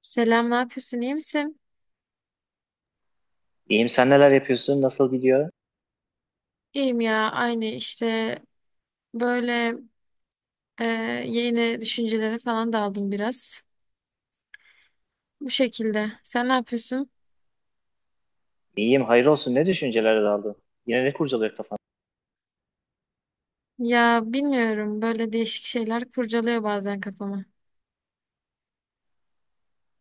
Selam, ne yapıyorsun? İyi misin? İyiyim, sen neler yapıyorsun? Nasıl gidiyor? İyiyim ya, aynı işte böyle e, yeni düşüncelere falan daldım biraz. Bu şekilde. Sen ne yapıyorsun? İyiyim, hayır olsun, ne düşüncelere daldın? Yine ne kurcalıyor kafan? Ya bilmiyorum, böyle değişik şeyler kurcalıyor bazen kafamı.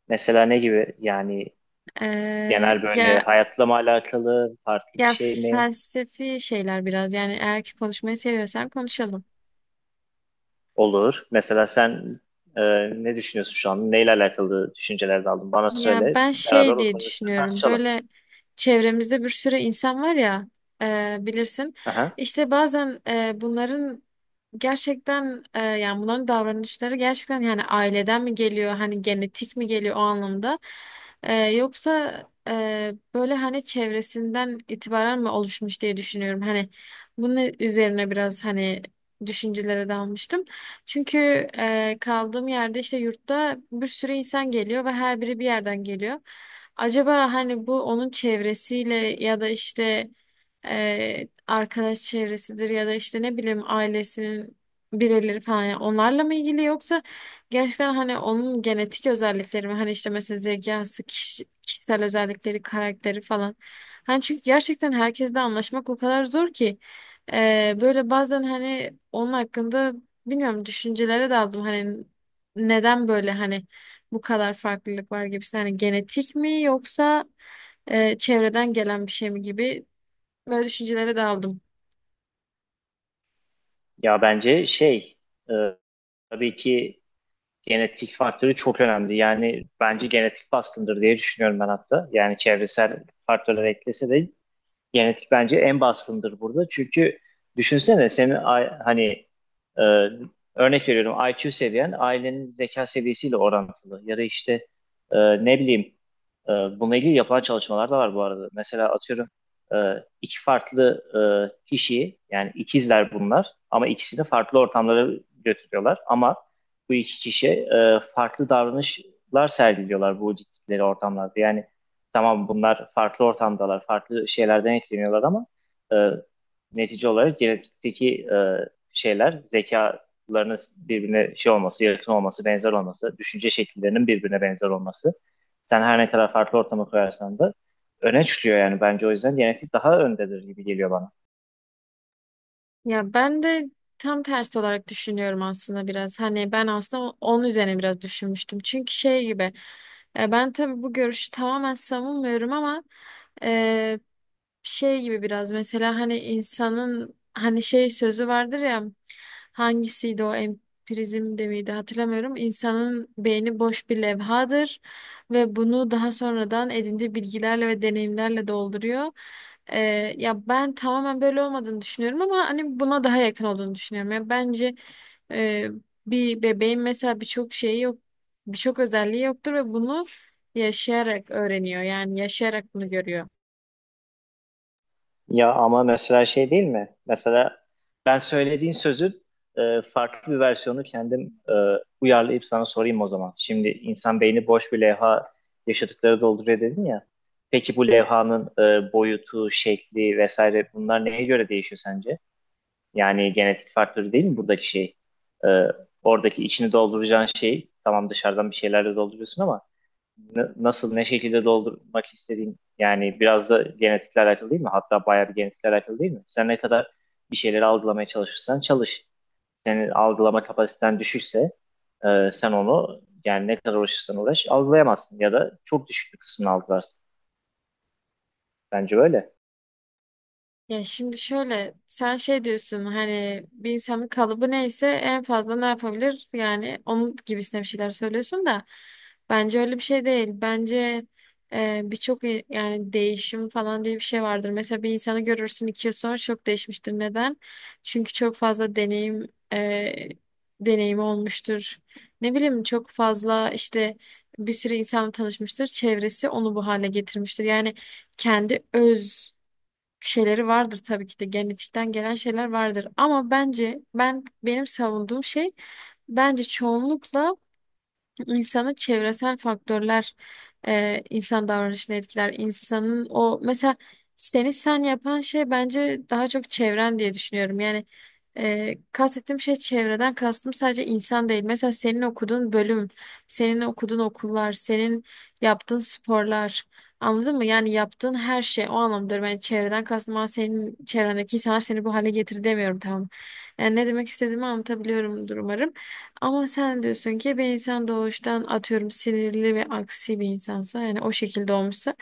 Mesela ne gibi yani, E, genel böyle ya hayatla mı alakalı, farklı bir ya şey mi? felsefi şeyler biraz. Yani eğer ki konuşmayı seviyorsan konuşalım. Olur. Mesela sen e, ne düşünüyorsun şu an? Neyle alakalı düşüncelere daldın? Bana Ya söyle. ben Beraber şey diye oturun üstüne düşünüyorum tartışalım. böyle çevremizde bir sürü insan var ya bilirsin Aha. işte bazen bunların gerçekten yani bunların davranışları gerçekten yani aileden mi geliyor hani genetik mi geliyor o anlamda. Yoksa böyle hani çevresinden itibaren mi oluşmuş diye düşünüyorum hani bunun üzerine biraz hani düşüncelere dalmıştım. Çünkü kaldığım yerde işte yurtta bir sürü insan geliyor ve her biri bir yerden geliyor. Acaba hani bu onun çevresiyle ya da işte arkadaş çevresidir ya da işte ne bileyim ailesinin bireyleri falan yani onlarla mı ilgili yoksa gerçekten hani onun genetik özellikleri mi hani işte mesela zekası, kişisel özellikleri, karakteri falan. Hani çünkü gerçekten herkesle anlaşmak o kadar zor ki. Böyle bazen hani onun hakkında bilmiyorum düşüncelere daldım hani neden böyle hani bu kadar farklılık var gibisi hani genetik mi yoksa çevreden gelen bir şey mi gibi böyle düşüncelere daldım. Ya bence şey, e, tabii ki genetik faktörü çok önemli. Yani bence genetik baskındır diye düşünüyorum ben hatta. Yani çevresel faktörler eklese de genetik bence en baskındır burada. Çünkü düşünsene senin hani, e, örnek veriyorum IQ seviyen ailenin zeka seviyesiyle orantılı. Ya da işte, e, ne bileyim, bununla ilgili yapılan çalışmalar da var bu arada. Mesela atıyorum e, iki farklı kişiyi, yani ikizler bunlar ama ikisini farklı ortamlara götürüyorlar. Ama bu iki kişi farklı davranışlar sergiliyorlar bu gittikleri ortamlarda. Yani tamam, bunlar farklı ortamdalar, farklı şeylerden etkileniyorlar ama e, netice olarak genetikteki şeyler, zekalarının birbirine şey olması, yakın olması, benzer olması, düşünce şekillerinin birbirine benzer olması. Sen her ne kadar farklı ortama koyarsan da öne çıkıyor. Yani bence o yüzden genetik daha öndedir gibi geliyor bana. Ya ben de tam tersi olarak düşünüyorum aslında biraz. Hani ben aslında onun üzerine biraz düşünmüştüm. Çünkü şey gibi ben tabii bu görüşü tamamen savunmuyorum ama e, şey gibi biraz mesela hani insanın hani şey sözü vardır ya hangisiydi o empirizm de miydi hatırlamıyorum. İnsanın beyni boş bir levhadır ve bunu daha sonradan edindiği bilgilerle ve deneyimlerle dolduruyor. Ee, Ya ben tamamen böyle olmadığını düşünüyorum ama hani buna daha yakın olduğunu düşünüyorum. Ya bence e, bir bebeğin mesela birçok şeyi yok, birçok özelliği yoktur ve bunu yaşayarak öğreniyor. Yani yaşayarak bunu görüyor. Ya ama mesela şey değil mi? Mesela ben söylediğin sözün farklı bir versiyonu kendim e, uyarlayıp sana sorayım o zaman. Şimdi insan beyni boş bir levha, yaşadıkları dolduruyor dedin ya. Peki bu levhanın boyutu, şekli vesaire, bunlar neye göre değişiyor sence? Yani genetik faktörü değil mi buradaki şey? E, Oradaki içini dolduracağın şey, tamam, dışarıdan bir şeylerle dolduruyorsun ama nasıl ne şekilde doldurmak istediğin yani biraz da genetikle alakalı değil mi? Hatta bayağı bir genetikle alakalı değil mi? Sen ne kadar bir şeyleri algılamaya çalışırsan çalış. Senin algılama kapasiten düşükse sen onu, yani ne kadar uğraşırsan uğraş algılayamazsın ya da çok düşük bir kısmını algılarsın. Bence öyle. Ya şimdi şöyle sen şey diyorsun hani bir insanın kalıbı neyse en fazla ne yapabilir yani onun gibisine bir şeyler söylüyorsun da bence öyle bir şey değil. Bence birçok yani değişim falan diye bir şey vardır. Mesela bir insanı görürsün 2 yıl sonra çok değişmiştir. Neden? Çünkü çok fazla e, deneyimi olmuştur. Ne bileyim çok fazla işte bir sürü insanla tanışmıştır. Çevresi onu bu hale getirmiştir. Yani kendi öz şeyleri vardır tabii ki de genetikten gelen şeyler vardır. Ama bence ben benim savunduğum şey bence çoğunlukla İnsanı çevresel faktörler insan davranışını etkiler. İnsanın o mesela seni sen yapan şey bence daha çok çevren diye düşünüyorum. Yani kastettiğim şey çevreden kastım sadece insan değil. Mesela senin okuduğun bölüm, senin okuduğun okullar, senin yaptığın sporlar. Anladın mı? Yani yaptığın her şey o anlamda ben çevreden kastım ama senin çevrendeki insanlar seni bu hale getirdi demiyorum, tamam. Yani ne demek istediğimi anlatabiliyorumdur umarım. Ama sen diyorsun ki bir insan doğuştan atıyorum sinirli ve aksi bir insansa yani o şekilde olmuşsa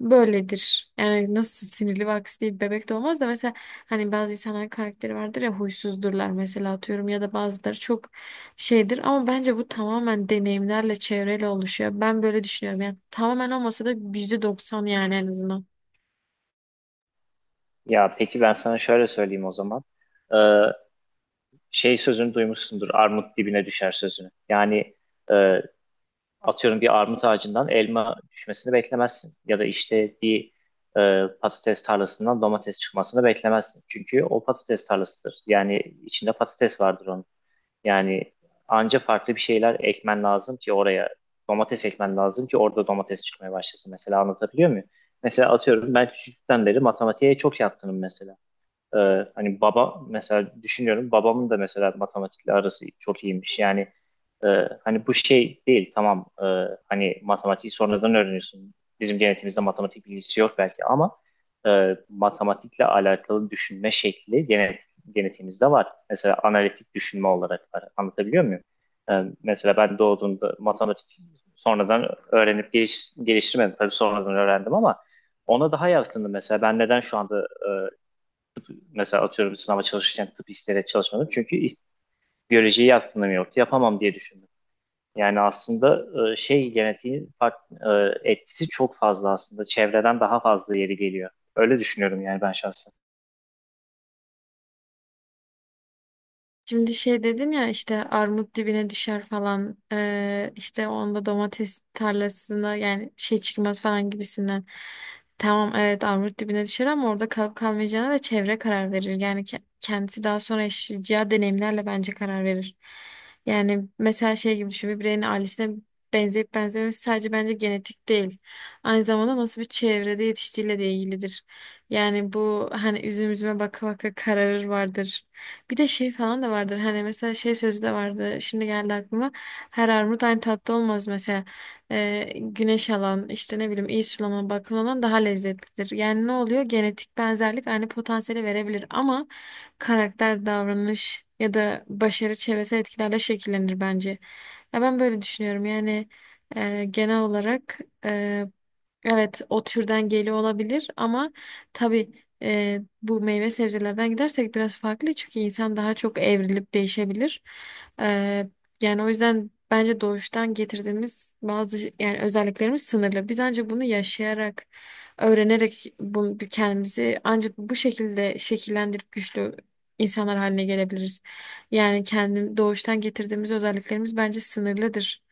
böyledir. Yani nasıl sinirli ve aksi bir bebek doğmaz da mesela hani bazı insanların karakteri vardır ya, huysuzdurlar mesela atıyorum, ya da bazıları çok şeydir ama bence bu tamamen deneyimlerle, çevreyle oluşuyor. Ben böyle düşünüyorum yani tamamen olmasa da %90, yani en azından. Ya peki ben sana şöyle söyleyeyim o zaman. E, Şey sözünü duymuşsundur, armut dibine düşer sözünü. Yani e, atıyorum bir armut ağacından elma düşmesini beklemezsin. Ya da işte bir patates tarlasından domates çıkmasını beklemezsin. Çünkü o patates tarlasıdır. Yani içinde patates vardır onun. Yani anca farklı bir şeyler ekmen lazım ki oraya, domates ekmen lazım ki orada domates çıkmaya başlasın. Mesela anlatabiliyor muyum? Mesela atıyorum ben küçüklükten beri matematiğe çok yatkınım mesela. Hani baba, mesela düşünüyorum babamın da mesela matematikle arası çok iyiymiş. Yani e, hani bu şey değil, tamam, hani matematiği sonradan öğreniyorsun. Bizim genetimizde matematik bilgisi yok belki ama matematikle alakalı düşünme şekli genetimizde var. Mesela analitik düşünme olarak var. Anlatabiliyor muyum? Mesela ben doğduğumda matematik sonradan öğrenip geliştirmedim. Tabii sonradan öğrendim ama ona daha yakındım mesela. Ben neden şu anda e, mesela atıyorum sınava çalışırken tıp isteyerek çalışmadım. Çünkü biyolojiyi aklımda yoktu. Yapamam diye düşündüm. Yani aslında şey, genetiğin etkisi çok fazla aslında. Çevreden daha fazla, yeri geliyor. Öyle düşünüyorum yani ben şahsen. Şimdi şey dedin ya, işte armut dibine düşer falan, işte onda domates tarlasına yani şey çıkmaz falan gibisinden. Tamam, evet, armut dibine düşer ama orada kalıp kalmayacağına da çevre karar verir. Yani kendisi daha sonra yaşayacağı deneyimlerle bence karar verir. Yani mesela şey gibi düşün, bir bireyin ailesine benzeyip benzememesi sadece bence genetik değil. Aynı zamanda nasıl bir çevrede yetiştiğiyle de ilgilidir. Yani bu hani üzüm üzüme baka baka kararır vardır. Bir de şey falan da vardır. Hani mesela şey sözü de vardı. Şimdi geldi aklıma. Her armut aynı tatlı olmaz mesela. Güneş alan, işte ne bileyim iyi sulama, bakım alan daha lezzetlidir. Yani ne oluyor? Genetik benzerlik aynı potansiyeli verebilir ama karakter, davranış ya da başarı çevresel etkilerle şekillenir bence. Ya ben böyle düşünüyorum. Yani genel olarak e, evet, o türden geliyor olabilir ama tabii bu meyve sebzelerden gidersek biraz farklı, çünkü insan daha çok evrilip değişebilir. Ee, Yani o yüzden bence doğuştan getirdiğimiz bazı yani özelliklerimiz sınırlı. Biz ancak bunu yaşayarak, öğrenerek bunu, kendimizi ancak bu şekilde şekillendirip güçlü insanlar haline gelebiliriz. Yani kendim doğuştan getirdiğimiz özelliklerimiz bence sınırlıdır.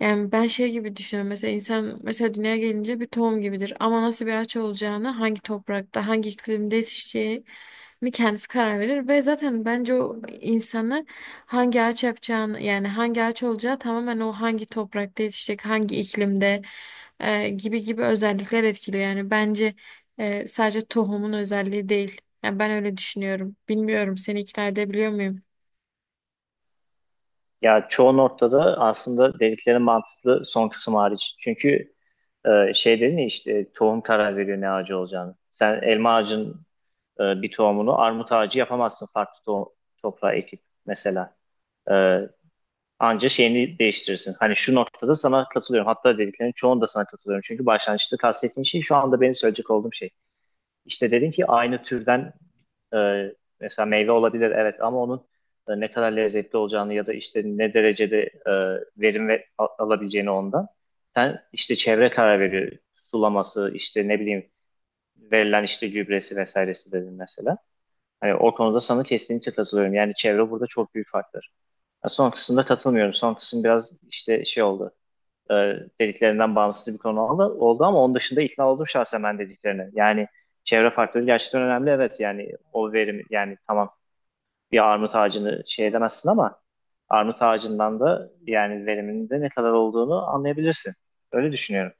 Yani ben şey gibi düşünüyorum. Mesela insan mesela dünyaya gelince bir tohum gibidir. Ama nasıl bir ağaç olacağını, hangi toprakta, hangi iklimde yetişeceğini kendisi karar verir. Ve zaten bence o insanı hangi ağaç yapacağını, yani hangi ağaç olacağı tamamen o hangi toprakta yetişecek, hangi iklimde gibi gibi özellikler etkiliyor. Yani bence sadece tohumun özelliği değil. Yani ben öyle düşünüyorum. Bilmiyorum, seni ikna edebiliyor muyum? Ya çoğu noktada aslında dedikleri mantıklı, son kısım hariç. Çünkü şey dedin ya, işte tohum karar veriyor ne ağacı olacağını. Sen elma ağacın bir tohumunu armut ağacı yapamazsın farklı toprağa ekip mesela. E, Anca şeyini değiştirirsin. Hani şu noktada sana katılıyorum. Hatta dediklerinin çoğunda sana katılıyorum. Çünkü başlangıçta kastettiğin şey şu anda benim söyleyecek olduğum şey. İşte dedin ki aynı türden e, mesela meyve olabilir evet, ama onun ne kadar lezzetli olacağını ya da işte ne derecede e, verim alabileceğini ondan. Sen, işte çevre karar veriyor. Sulaması, işte ne bileyim, verilen işte gübresi vesairesi dedin mesela. Hani o konuda sana kesinlikle katılıyorum. Yani çevre burada çok büyük faktör. Ha, son kısımda katılmıyorum. Son kısım biraz işte şey oldu. E, Dediklerinden bağımsız bir konu oldu, ama onun dışında ikna oldum şahsen ben dediklerine. Yani çevre faktörü gerçekten önemli. Evet, yani o verim, yani tamam, bir armut ağacını şey edemezsin ama armut ağacından da yani veriminin de ne kadar olduğunu anlayabilirsin. Öyle düşünüyorum.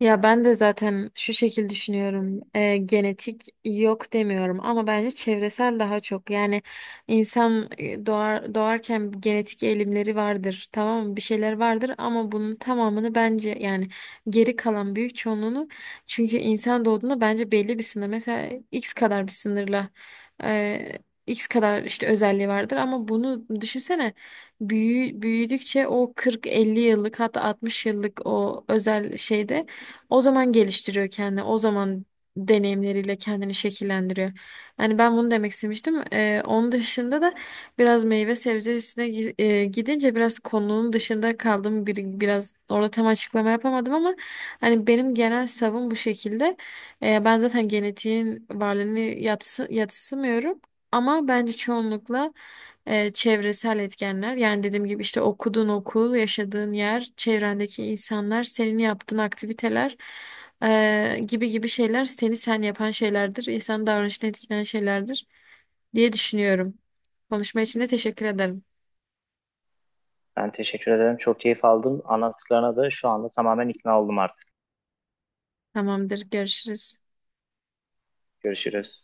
Ya ben de zaten şu şekil düşünüyorum. Genetik yok demiyorum ama bence çevresel daha çok. Yani insan doğar, doğarken genetik eğilimleri vardır. Tamam mı? Bir şeyler vardır ama bunun tamamını bence yani geri kalan büyük çoğunluğunu, çünkü insan doğduğunda bence belli bir sınır. Mesela X kadar bir sınırla e, X kadar işte özelliği vardır ama bunu düşünsene büyüdükçe o 40-50 yıllık hatta 60 yıllık o özel şeyde o zaman geliştiriyor kendini. O zaman deneyimleriyle kendini şekillendiriyor. Yani ben bunu demek istemiştim. Onun dışında da biraz meyve sebze üstüne gidince biraz konunun dışında kaldım. Biraz orada tam açıklama yapamadım ama hani benim genel savım bu şekilde. Ben zaten genetiğin varlığını yatsımıyorum. Ama bence çoğunlukla çevresel etkenler. Yani dediğim gibi işte okuduğun okul, yaşadığın yer, çevrendeki insanlar, senin yaptığın aktiviteler gibi gibi şeyler seni sen yapan şeylerdir. İnsan davranışını etkileyen şeylerdir diye düşünüyorum. Konuşma için de teşekkür ederim. Ben teşekkür ederim. Çok keyif aldım. Anlattıklarına da şu anda tamamen ikna oldum artık. Tamamdır, görüşürüz. Görüşürüz.